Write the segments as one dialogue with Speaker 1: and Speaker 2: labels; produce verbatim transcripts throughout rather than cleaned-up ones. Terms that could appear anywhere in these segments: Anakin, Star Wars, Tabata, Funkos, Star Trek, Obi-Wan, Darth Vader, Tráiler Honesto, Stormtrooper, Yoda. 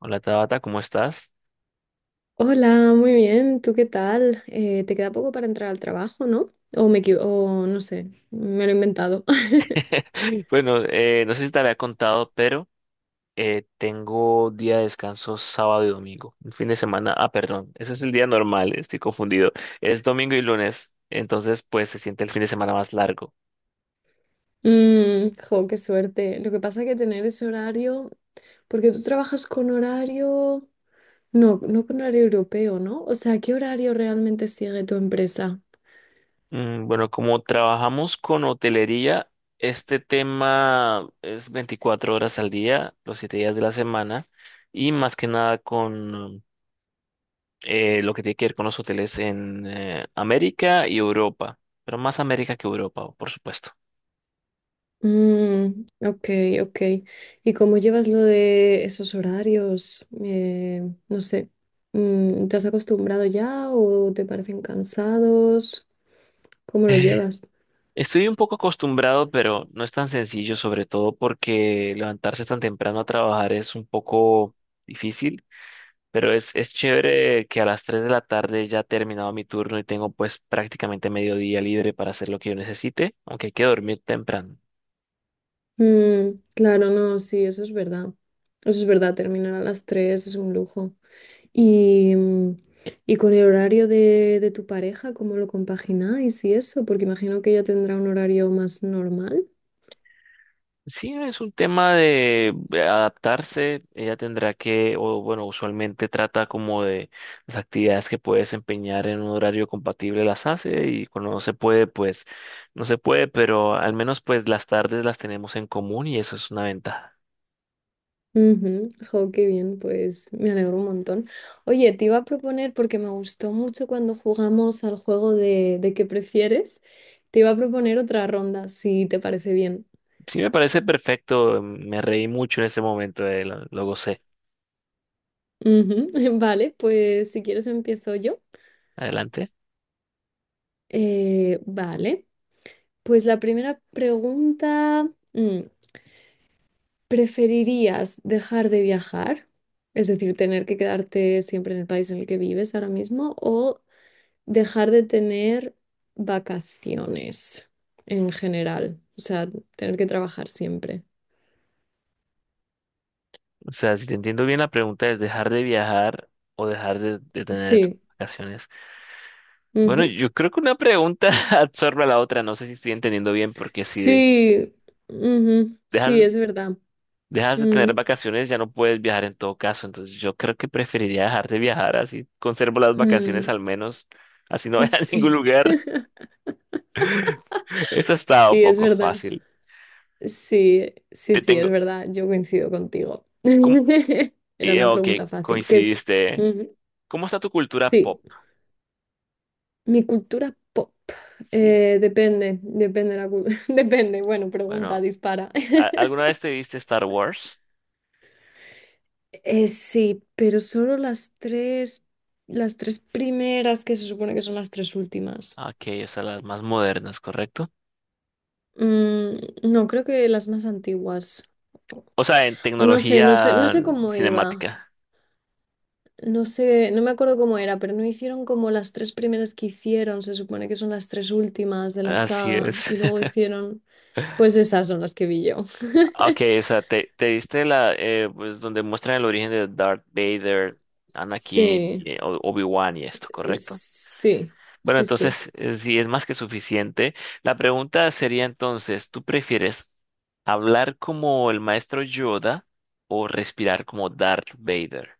Speaker 1: Hola Tabata, ¿cómo estás?
Speaker 2: Hola, muy bien. ¿Tú qué tal? Eh, te queda poco para entrar al trabajo, ¿no? O me equivo- o no sé, me lo he inventado.
Speaker 1: Bueno, eh, no sé si te había contado, pero eh, tengo día de descanso sábado y domingo. Un fin de semana, ah, perdón, ese es el día normal, estoy confundido. Es domingo y lunes, entonces pues se siente el fin de semana más largo.
Speaker 2: Mm, jo, qué suerte. Lo que pasa es que tener ese horario, porque tú trabajas con horario, no, no con horario europeo, ¿no? O sea, ¿qué horario realmente sigue tu empresa?
Speaker 1: Mm, bueno, como trabajamos con hotelería, este tema es veinticuatro horas al día, los siete días de la semana, y más que nada con eh, lo que tiene que ver con los hoteles en eh, América y Europa, pero más América que Europa, por supuesto.
Speaker 2: Mm, ok, ok. ¿Y cómo llevas lo de esos horarios? Eh, no sé, mm, ¿te has acostumbrado ya o te parecen cansados? ¿Cómo lo
Speaker 1: Eh,
Speaker 2: llevas?
Speaker 1: Estoy un poco acostumbrado, pero no es tan sencillo, sobre todo porque levantarse tan temprano a trabajar es un poco difícil, pero es, es chévere que a las tres de la tarde ya he terminado mi turno y tengo pues prácticamente mediodía libre para hacer lo que yo necesite, aunque hay que dormir temprano.
Speaker 2: Mm, claro, no, sí, eso es verdad. Eso es verdad, terminar a las tres es un lujo. Y, mm, y con el horario de, de tu pareja, ¿cómo lo compagináis y eso? Porque imagino que ella tendrá un horario más normal.
Speaker 1: Sí, es un tema de adaptarse. Ella tendrá que, o bueno, usualmente trata como de las actividades que puede desempeñar en un horario compatible las hace y cuando no se puede, pues no se puede, pero al menos pues las tardes las tenemos en común y eso es una ventaja.
Speaker 2: Ujú, jo, qué bien, pues me alegro un montón. Oye, te iba a proponer, porque me gustó mucho cuando jugamos al juego de, de qué prefieres, te iba a proponer otra ronda, si te parece bien.
Speaker 1: Sí, me parece perfecto. em, Me reí mucho en ese momento, eh, lo, lo gocé.
Speaker 2: Ujú. Vale, pues si quieres empiezo yo.
Speaker 1: Adelante.
Speaker 2: Eh, vale. Pues la primera pregunta, mm, ¿preferirías dejar de viajar? Es decir, tener que quedarte siempre en el país en el que vives ahora mismo o dejar de tener vacaciones en general, o sea, tener que trabajar siempre.
Speaker 1: O sea, si te entiendo bien, la pregunta es dejar de viajar o dejar de, de tener
Speaker 2: Sí,
Speaker 1: vacaciones. Bueno,
Speaker 2: ujú.
Speaker 1: yo creo que una pregunta absorbe a la otra. No sé si estoy entendiendo bien, porque si de-
Speaker 2: Sí, ujú, sí,
Speaker 1: dejas,
Speaker 2: es verdad.
Speaker 1: dejas de
Speaker 2: Mm,
Speaker 1: tener vacaciones, ya no puedes viajar en todo caso. Entonces, yo creo que preferiría dejar de viajar, así conservo las vacaciones
Speaker 2: mm,
Speaker 1: al menos, así no voy a ningún
Speaker 2: sí.
Speaker 1: lugar. Eso ha estado
Speaker 2: Sí, es
Speaker 1: poco
Speaker 2: verdad.
Speaker 1: fácil.
Speaker 2: Sí, sí,
Speaker 1: Te
Speaker 2: sí, es
Speaker 1: tengo.
Speaker 2: verdad, yo coincido contigo.
Speaker 1: ¿Cómo?
Speaker 2: Era
Speaker 1: Eh,
Speaker 2: una
Speaker 1: ok,
Speaker 2: pregunta fácil, ¿qué es?
Speaker 1: coincidiste.
Speaker 2: Ujú.
Speaker 1: ¿Cómo está tu cultura
Speaker 2: Sí,
Speaker 1: pop?
Speaker 2: mi cultura pop.
Speaker 1: Sí,
Speaker 2: eh, depende, depende la cul- depende, bueno, pregunta,
Speaker 1: bueno,
Speaker 2: dispara.
Speaker 1: ¿a- ¿alguna vez te viste Star Wars?
Speaker 2: Eh, sí, pero solo las tres, las tres primeras que se supone que son las tres últimas.
Speaker 1: Ok, o sea, las más modernas, ¿correcto?
Speaker 2: Mm, no, creo que las más antiguas.
Speaker 1: O sea, en
Speaker 2: O no sé, no sé, no
Speaker 1: tecnología
Speaker 2: sé cómo iba.
Speaker 1: cinemática.
Speaker 2: No sé, no me acuerdo cómo era, pero no hicieron como las tres primeras que hicieron, se supone que son las tres últimas de la
Speaker 1: Así
Speaker 2: saga,
Speaker 1: es.
Speaker 2: y luego hicieron, pues esas son las que vi yo.
Speaker 1: Ok, o sea, te, te diste la, eh, pues donde muestran el origen de Darth Vader, Anakin,
Speaker 2: Sí,
Speaker 1: y, eh, O- Obi-Wan y esto, ¿correcto?
Speaker 2: sí,
Speaker 1: Bueno,
Speaker 2: sí, sí.
Speaker 1: entonces, eh, sí, es más que suficiente. La pregunta sería entonces, ¿tú prefieres hablar como el maestro Yoda o respirar como Darth Vader?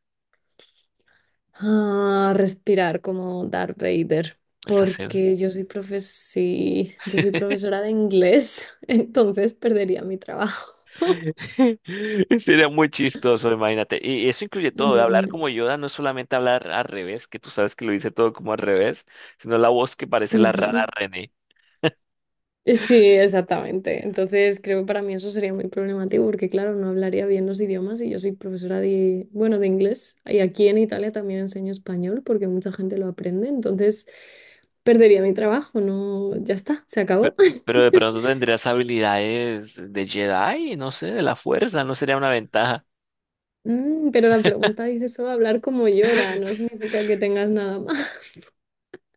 Speaker 2: Ah, respirar como Darth Vader,
Speaker 1: Esa
Speaker 2: porque yo soy profes sí, yo soy profesora de inglés, entonces perdería mi trabajo.
Speaker 1: sería muy chistoso, imagínate. Y eso incluye todo, ¿eh? Hablar
Speaker 2: Mm,
Speaker 1: como Yoda no es solamente hablar al revés, que tú sabes que lo dice todo como al revés, sino la voz que parece la rara
Speaker 2: ujú.
Speaker 1: René.
Speaker 2: Sí, exactamente. Entonces, creo que para mí eso sería muy problemático porque, claro, no hablaría bien los idiomas y yo soy profesora de, bueno, de inglés y aquí en Italia también enseño español porque mucha gente lo aprende. Entonces, perdería mi trabajo, no, ya está, se
Speaker 1: Pero,
Speaker 2: acabó.
Speaker 1: pero de pronto tendrías habilidades de Jedi, no sé, de la fuerza, no sería una ventaja.
Speaker 2: Mm, pero la pregunta dice solo hablar como Yoda, no significa que tengas nada más.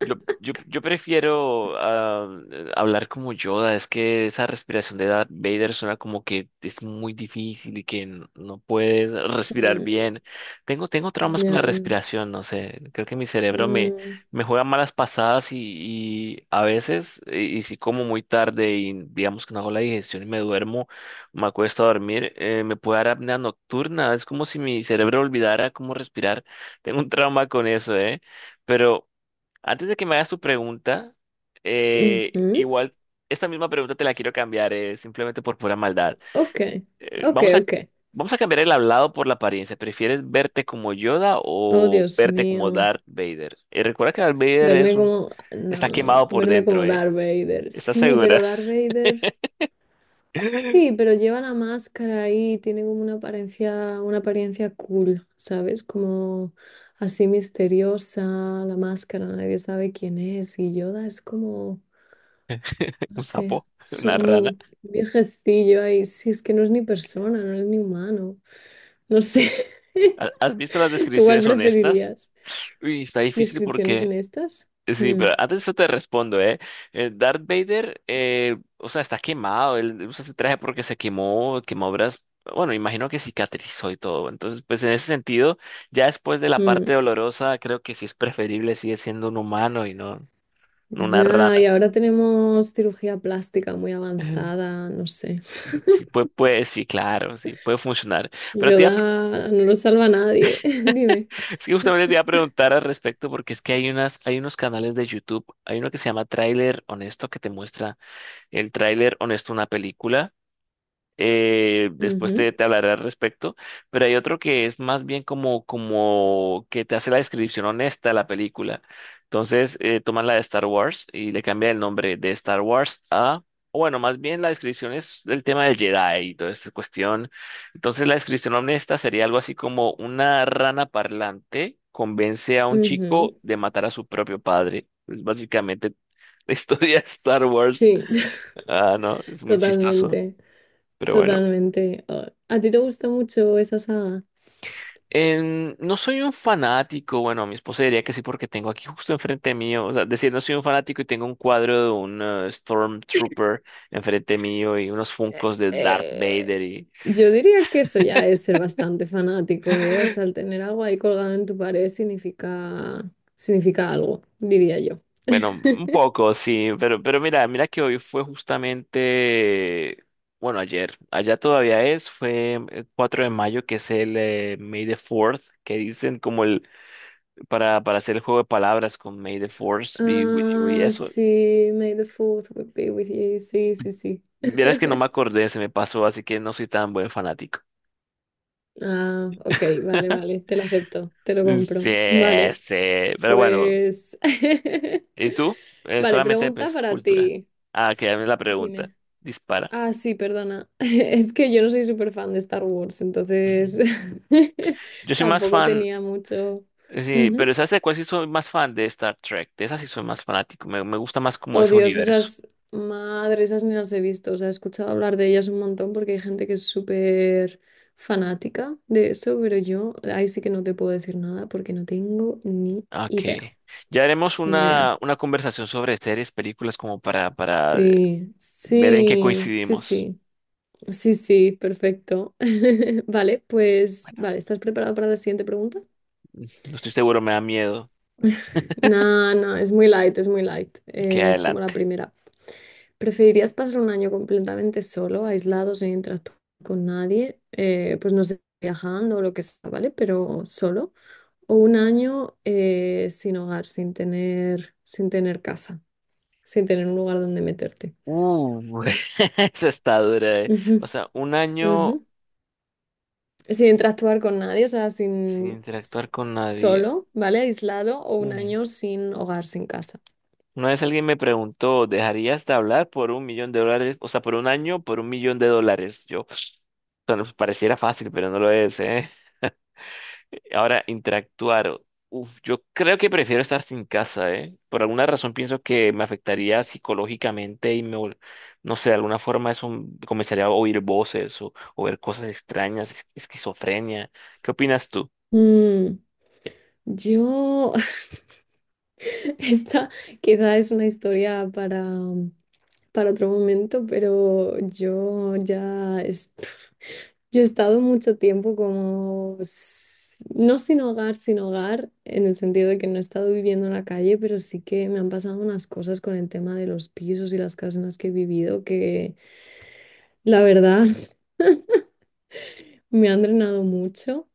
Speaker 1: Yo, yo, yo prefiero ah, hablar como Yoda, es que esa respiración de Darth Vader suena como que es muy difícil y que n- no puedes respirar
Speaker 2: Mm,
Speaker 1: bien. Tengo, tengo traumas con
Speaker 2: ya.
Speaker 1: la respiración, no sé, creo que mi cerebro me,
Speaker 2: Mm,
Speaker 1: me juega malas pasadas y, y a veces, y, y si como muy tarde y digamos que no hago la digestión y me duermo, me acuesto a dormir, eh, me puede dar apnea nocturna, es como si mi cerebro olvidara cómo respirar. Tengo un trauma con eso, ¿eh? Pero... Antes de que me hagas tu pregunta, eh,
Speaker 2: ujú.
Speaker 1: igual esta misma pregunta te la quiero cambiar, eh, simplemente por pura maldad.
Speaker 2: Ok,
Speaker 1: Eh,
Speaker 2: ok,
Speaker 1: vamos a,
Speaker 2: ok.
Speaker 1: Vamos a cambiar el hablado por la apariencia. ¿Prefieres verte como Yoda
Speaker 2: Oh,
Speaker 1: o
Speaker 2: Dios
Speaker 1: verte como
Speaker 2: mío.
Speaker 1: Darth Vader? Y recuerda que Darth Vader es
Speaker 2: Verme
Speaker 1: un,
Speaker 2: como,
Speaker 1: está
Speaker 2: no,
Speaker 1: quemado por
Speaker 2: verme
Speaker 1: dentro,
Speaker 2: como
Speaker 1: ¿eh?
Speaker 2: Darth Vader.
Speaker 1: ¿Estás
Speaker 2: Sí,
Speaker 1: segura?
Speaker 2: pero Darth Vader. Sí, pero lleva la máscara ahí, tiene como una apariencia, una apariencia cool, ¿sabes? Como así misteriosa, la máscara, nadie sabe quién es. Y Yoda es como, no
Speaker 1: ¿Un
Speaker 2: sé,
Speaker 1: sapo?
Speaker 2: es
Speaker 1: ¿Una rana?
Speaker 2: un viejecillo ahí. Sí, es que no es ni persona, no es ni humano. No sé.
Speaker 1: ¿Ha- ¿Has visto las
Speaker 2: ¿Tú cuál
Speaker 1: descripciones honestas?
Speaker 2: preferirías?
Speaker 1: Uy, está difícil
Speaker 2: ¿Descripciones
Speaker 1: porque
Speaker 2: honestas?
Speaker 1: sí,
Speaker 2: Mm,
Speaker 1: pero antes de eso te respondo, ¿eh? Eh, Darth Vader, eh, o sea, está quemado, él él usa ese traje porque se quemó, quemó obras, bueno, imagino que cicatrizó y todo, entonces, pues en ese sentido, ya después de la parte
Speaker 2: mm.
Speaker 1: dolorosa, creo que sí es preferible, sigue siendo un humano y no, no una
Speaker 2: Ya,
Speaker 1: rana.
Speaker 2: y ahora tenemos cirugía plástica muy
Speaker 1: Ujú.
Speaker 2: avanzada, no sé.
Speaker 1: Sí, puede, puede, sí, claro, sí, puede funcionar. Pero te iba a
Speaker 2: Yoda
Speaker 1: pre-
Speaker 2: no lo salva a nadie, dime.
Speaker 1: es que justamente te iba a preguntar al respecto porque es que hay unas, hay unos canales de YouTube, hay uno que se llama Tráiler Honesto que te muestra el tráiler honesto de una película. Eh, después
Speaker 2: Ujú,
Speaker 1: te, te hablaré al respecto, pero hay otro que es más bien como, como que te hace la descripción honesta de la película. Entonces, eh, toman la de Star Wars y le cambian el nombre de Star Wars a, o bueno, más bien la descripción es del tema del Jedi y toda esta cuestión. Entonces, la descripción honesta sería algo así como una rana parlante convence a un
Speaker 2: ujú.
Speaker 1: chico de matar a su propio padre. Es básicamente la historia de Star Wars.
Speaker 2: Sí.
Speaker 1: Ah, no, es muy chistoso,
Speaker 2: Totalmente,
Speaker 1: pero bueno.
Speaker 2: totalmente. Oh, ¿a ti te gusta mucho esa saga?
Speaker 1: Em, no soy un fanático, bueno, mi esposa diría que sí porque tengo aquí justo enfrente mío, o sea, decir, no soy un fanático y tengo un cuadro de un eh, Stormtrooper enfrente mío y unos
Speaker 2: Eh,
Speaker 1: Funkos de Darth
Speaker 2: eh,
Speaker 1: Vader y
Speaker 2: yo diría que eso ya es ser bastante fanático, ¿eh? O sea, el tener algo ahí colgado en tu pared significa, significa algo, diría yo.
Speaker 1: bueno, un poco, sí, pero, pero mira, mira que hoy fue justamente, bueno, ayer, allá todavía es, fue el cuatro de mayo, que es el eh, May the Fourth que dicen como el, para, para hacer el juego de palabras con May the Force y, y
Speaker 2: Ah,
Speaker 1: eso.
Speaker 2: sí, May the fourth would be with you. Sí, sí, sí.
Speaker 1: Verás que no me acordé, se me pasó, así que no soy tan buen fanático.
Speaker 2: Ah, ok, vale, vale, te lo acepto, te lo
Speaker 1: Sí,
Speaker 2: compro. Vale,
Speaker 1: sí, pero bueno,
Speaker 2: pues.
Speaker 1: ¿y tú? Eh,
Speaker 2: Vale,
Speaker 1: solamente,
Speaker 2: pregunta
Speaker 1: pues,
Speaker 2: para
Speaker 1: cultura.
Speaker 2: ti.
Speaker 1: Ah, que dame la pregunta.
Speaker 2: Dime.
Speaker 1: Dispara.
Speaker 2: Ah, sí, perdona. Es que yo no soy súper fan de Star Wars, entonces
Speaker 1: Mm. Yo soy más
Speaker 2: tampoco
Speaker 1: fan,
Speaker 2: tenía mucho.
Speaker 1: eh, sí,
Speaker 2: Ujú.
Speaker 1: pero ¿sabes de cuál sí soy más fan? De Star Trek. De esa sí soy más fanático, me, me gusta más como
Speaker 2: Oh
Speaker 1: ese
Speaker 2: Dios,
Speaker 1: universo.
Speaker 2: esas madres, esas ni las he visto. O sea, he escuchado hablar de ellas un montón porque hay gente que es súper fanática de eso, pero yo ahí sí que no te puedo decir nada porque no tengo ni
Speaker 1: Ah, ok.
Speaker 2: idea,
Speaker 1: Ya haremos
Speaker 2: ni idea.
Speaker 1: una, una conversación sobre series, películas, como para, para eh,
Speaker 2: Sí,
Speaker 1: ver en qué
Speaker 2: sí, sí,
Speaker 1: coincidimos.
Speaker 2: sí, sí, sí, perfecto. Vale, pues,
Speaker 1: Bueno,
Speaker 2: vale, ¿estás preparado para la siguiente pregunta?
Speaker 1: no estoy seguro, me da miedo.
Speaker 2: No, no, es muy light, es muy light.
Speaker 1: Que
Speaker 2: Eh, es como la
Speaker 1: adelante.
Speaker 2: primera. ¿Preferirías pasar un año completamente solo, aislado, sin interactuar con nadie? Eh, pues no sé, viajando o lo que sea, ¿vale? Pero solo. O un año eh, sin hogar, sin tener, sin tener casa, sin tener un lugar donde meterte.
Speaker 1: Uh, esa está dura, eh.
Speaker 2: Ujú,
Speaker 1: O sea, un
Speaker 2: ujú.
Speaker 1: año
Speaker 2: Sin interactuar con nadie, o sea,
Speaker 1: sin
Speaker 2: sin s-
Speaker 1: interactuar con nadie.
Speaker 2: solo, ¿vale? Aislado o un
Speaker 1: Mm.
Speaker 2: año sin hogar, sin casa.
Speaker 1: Una vez alguien me preguntó, ¿dejarías de hablar por un millón de dólares? O sea, por un año, por un millón de dólares. Yo, o sea, nos pareciera fácil, pero no lo es, ¿eh? Ahora, interactuar. Uf, yo creo que prefiero estar sin casa, ¿eh? Por alguna razón pienso que me afectaría psicológicamente y me, vol- no sé, de alguna forma eso m- comenzaría a oír voces o, o ver cosas extrañas, es- esquizofrenia. ¿Qué opinas tú?
Speaker 2: Mm, yo, esta quizá es una historia para... para otro momento, pero yo ya es- yo he estado mucho tiempo como s- no sin hogar, sin hogar, en el sentido de que no he estado viviendo en la calle, pero sí que me han pasado unas cosas con el tema de los pisos y las casas en las que he vivido que la verdad me han drenado mucho.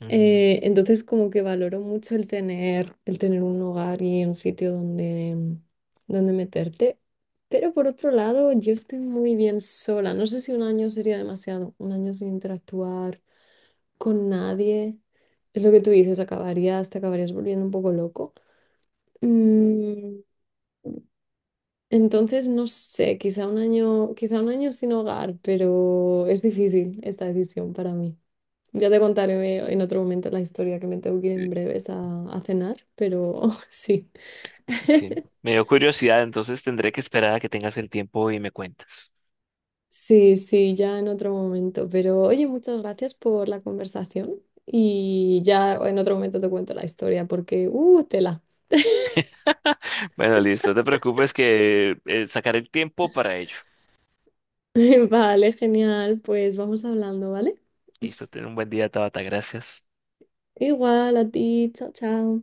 Speaker 1: Mm,
Speaker 2: Eh, entonces como que valoro mucho el tener, el tener un hogar y un sitio donde, mm, donde meterte. Pero por otro lado, yo estoy muy bien sola. No sé si un año sería demasiado, un año sin interactuar con nadie. Es lo que tú dices, acabarías, te acabarías volviendo un poco loco. Mm, entonces, no sé, quizá un año, quizá un año sin hogar, pero es difícil esta decisión para mí. Ya te contaré en otro momento la historia que me tengo que ir en
Speaker 1: eh,
Speaker 2: breves a, a cenar, pero sí.
Speaker 1: Sí, me dio curiosidad, entonces tendré que esperar a que tengas el tiempo y me cuentas.
Speaker 2: Sí, sí, ya en otro momento. Pero oye, muchas gracias por la conversación y ya en otro momento te cuento la historia porque, uh, tela.
Speaker 1: Bueno, listo, no te preocupes que eh, sacaré el tiempo para ello.
Speaker 2: Vale, genial. Pues vamos hablando, ¿vale?
Speaker 1: Listo, ten un buen día, Tabata, gracias.
Speaker 2: Igual a ti. Chao, chao.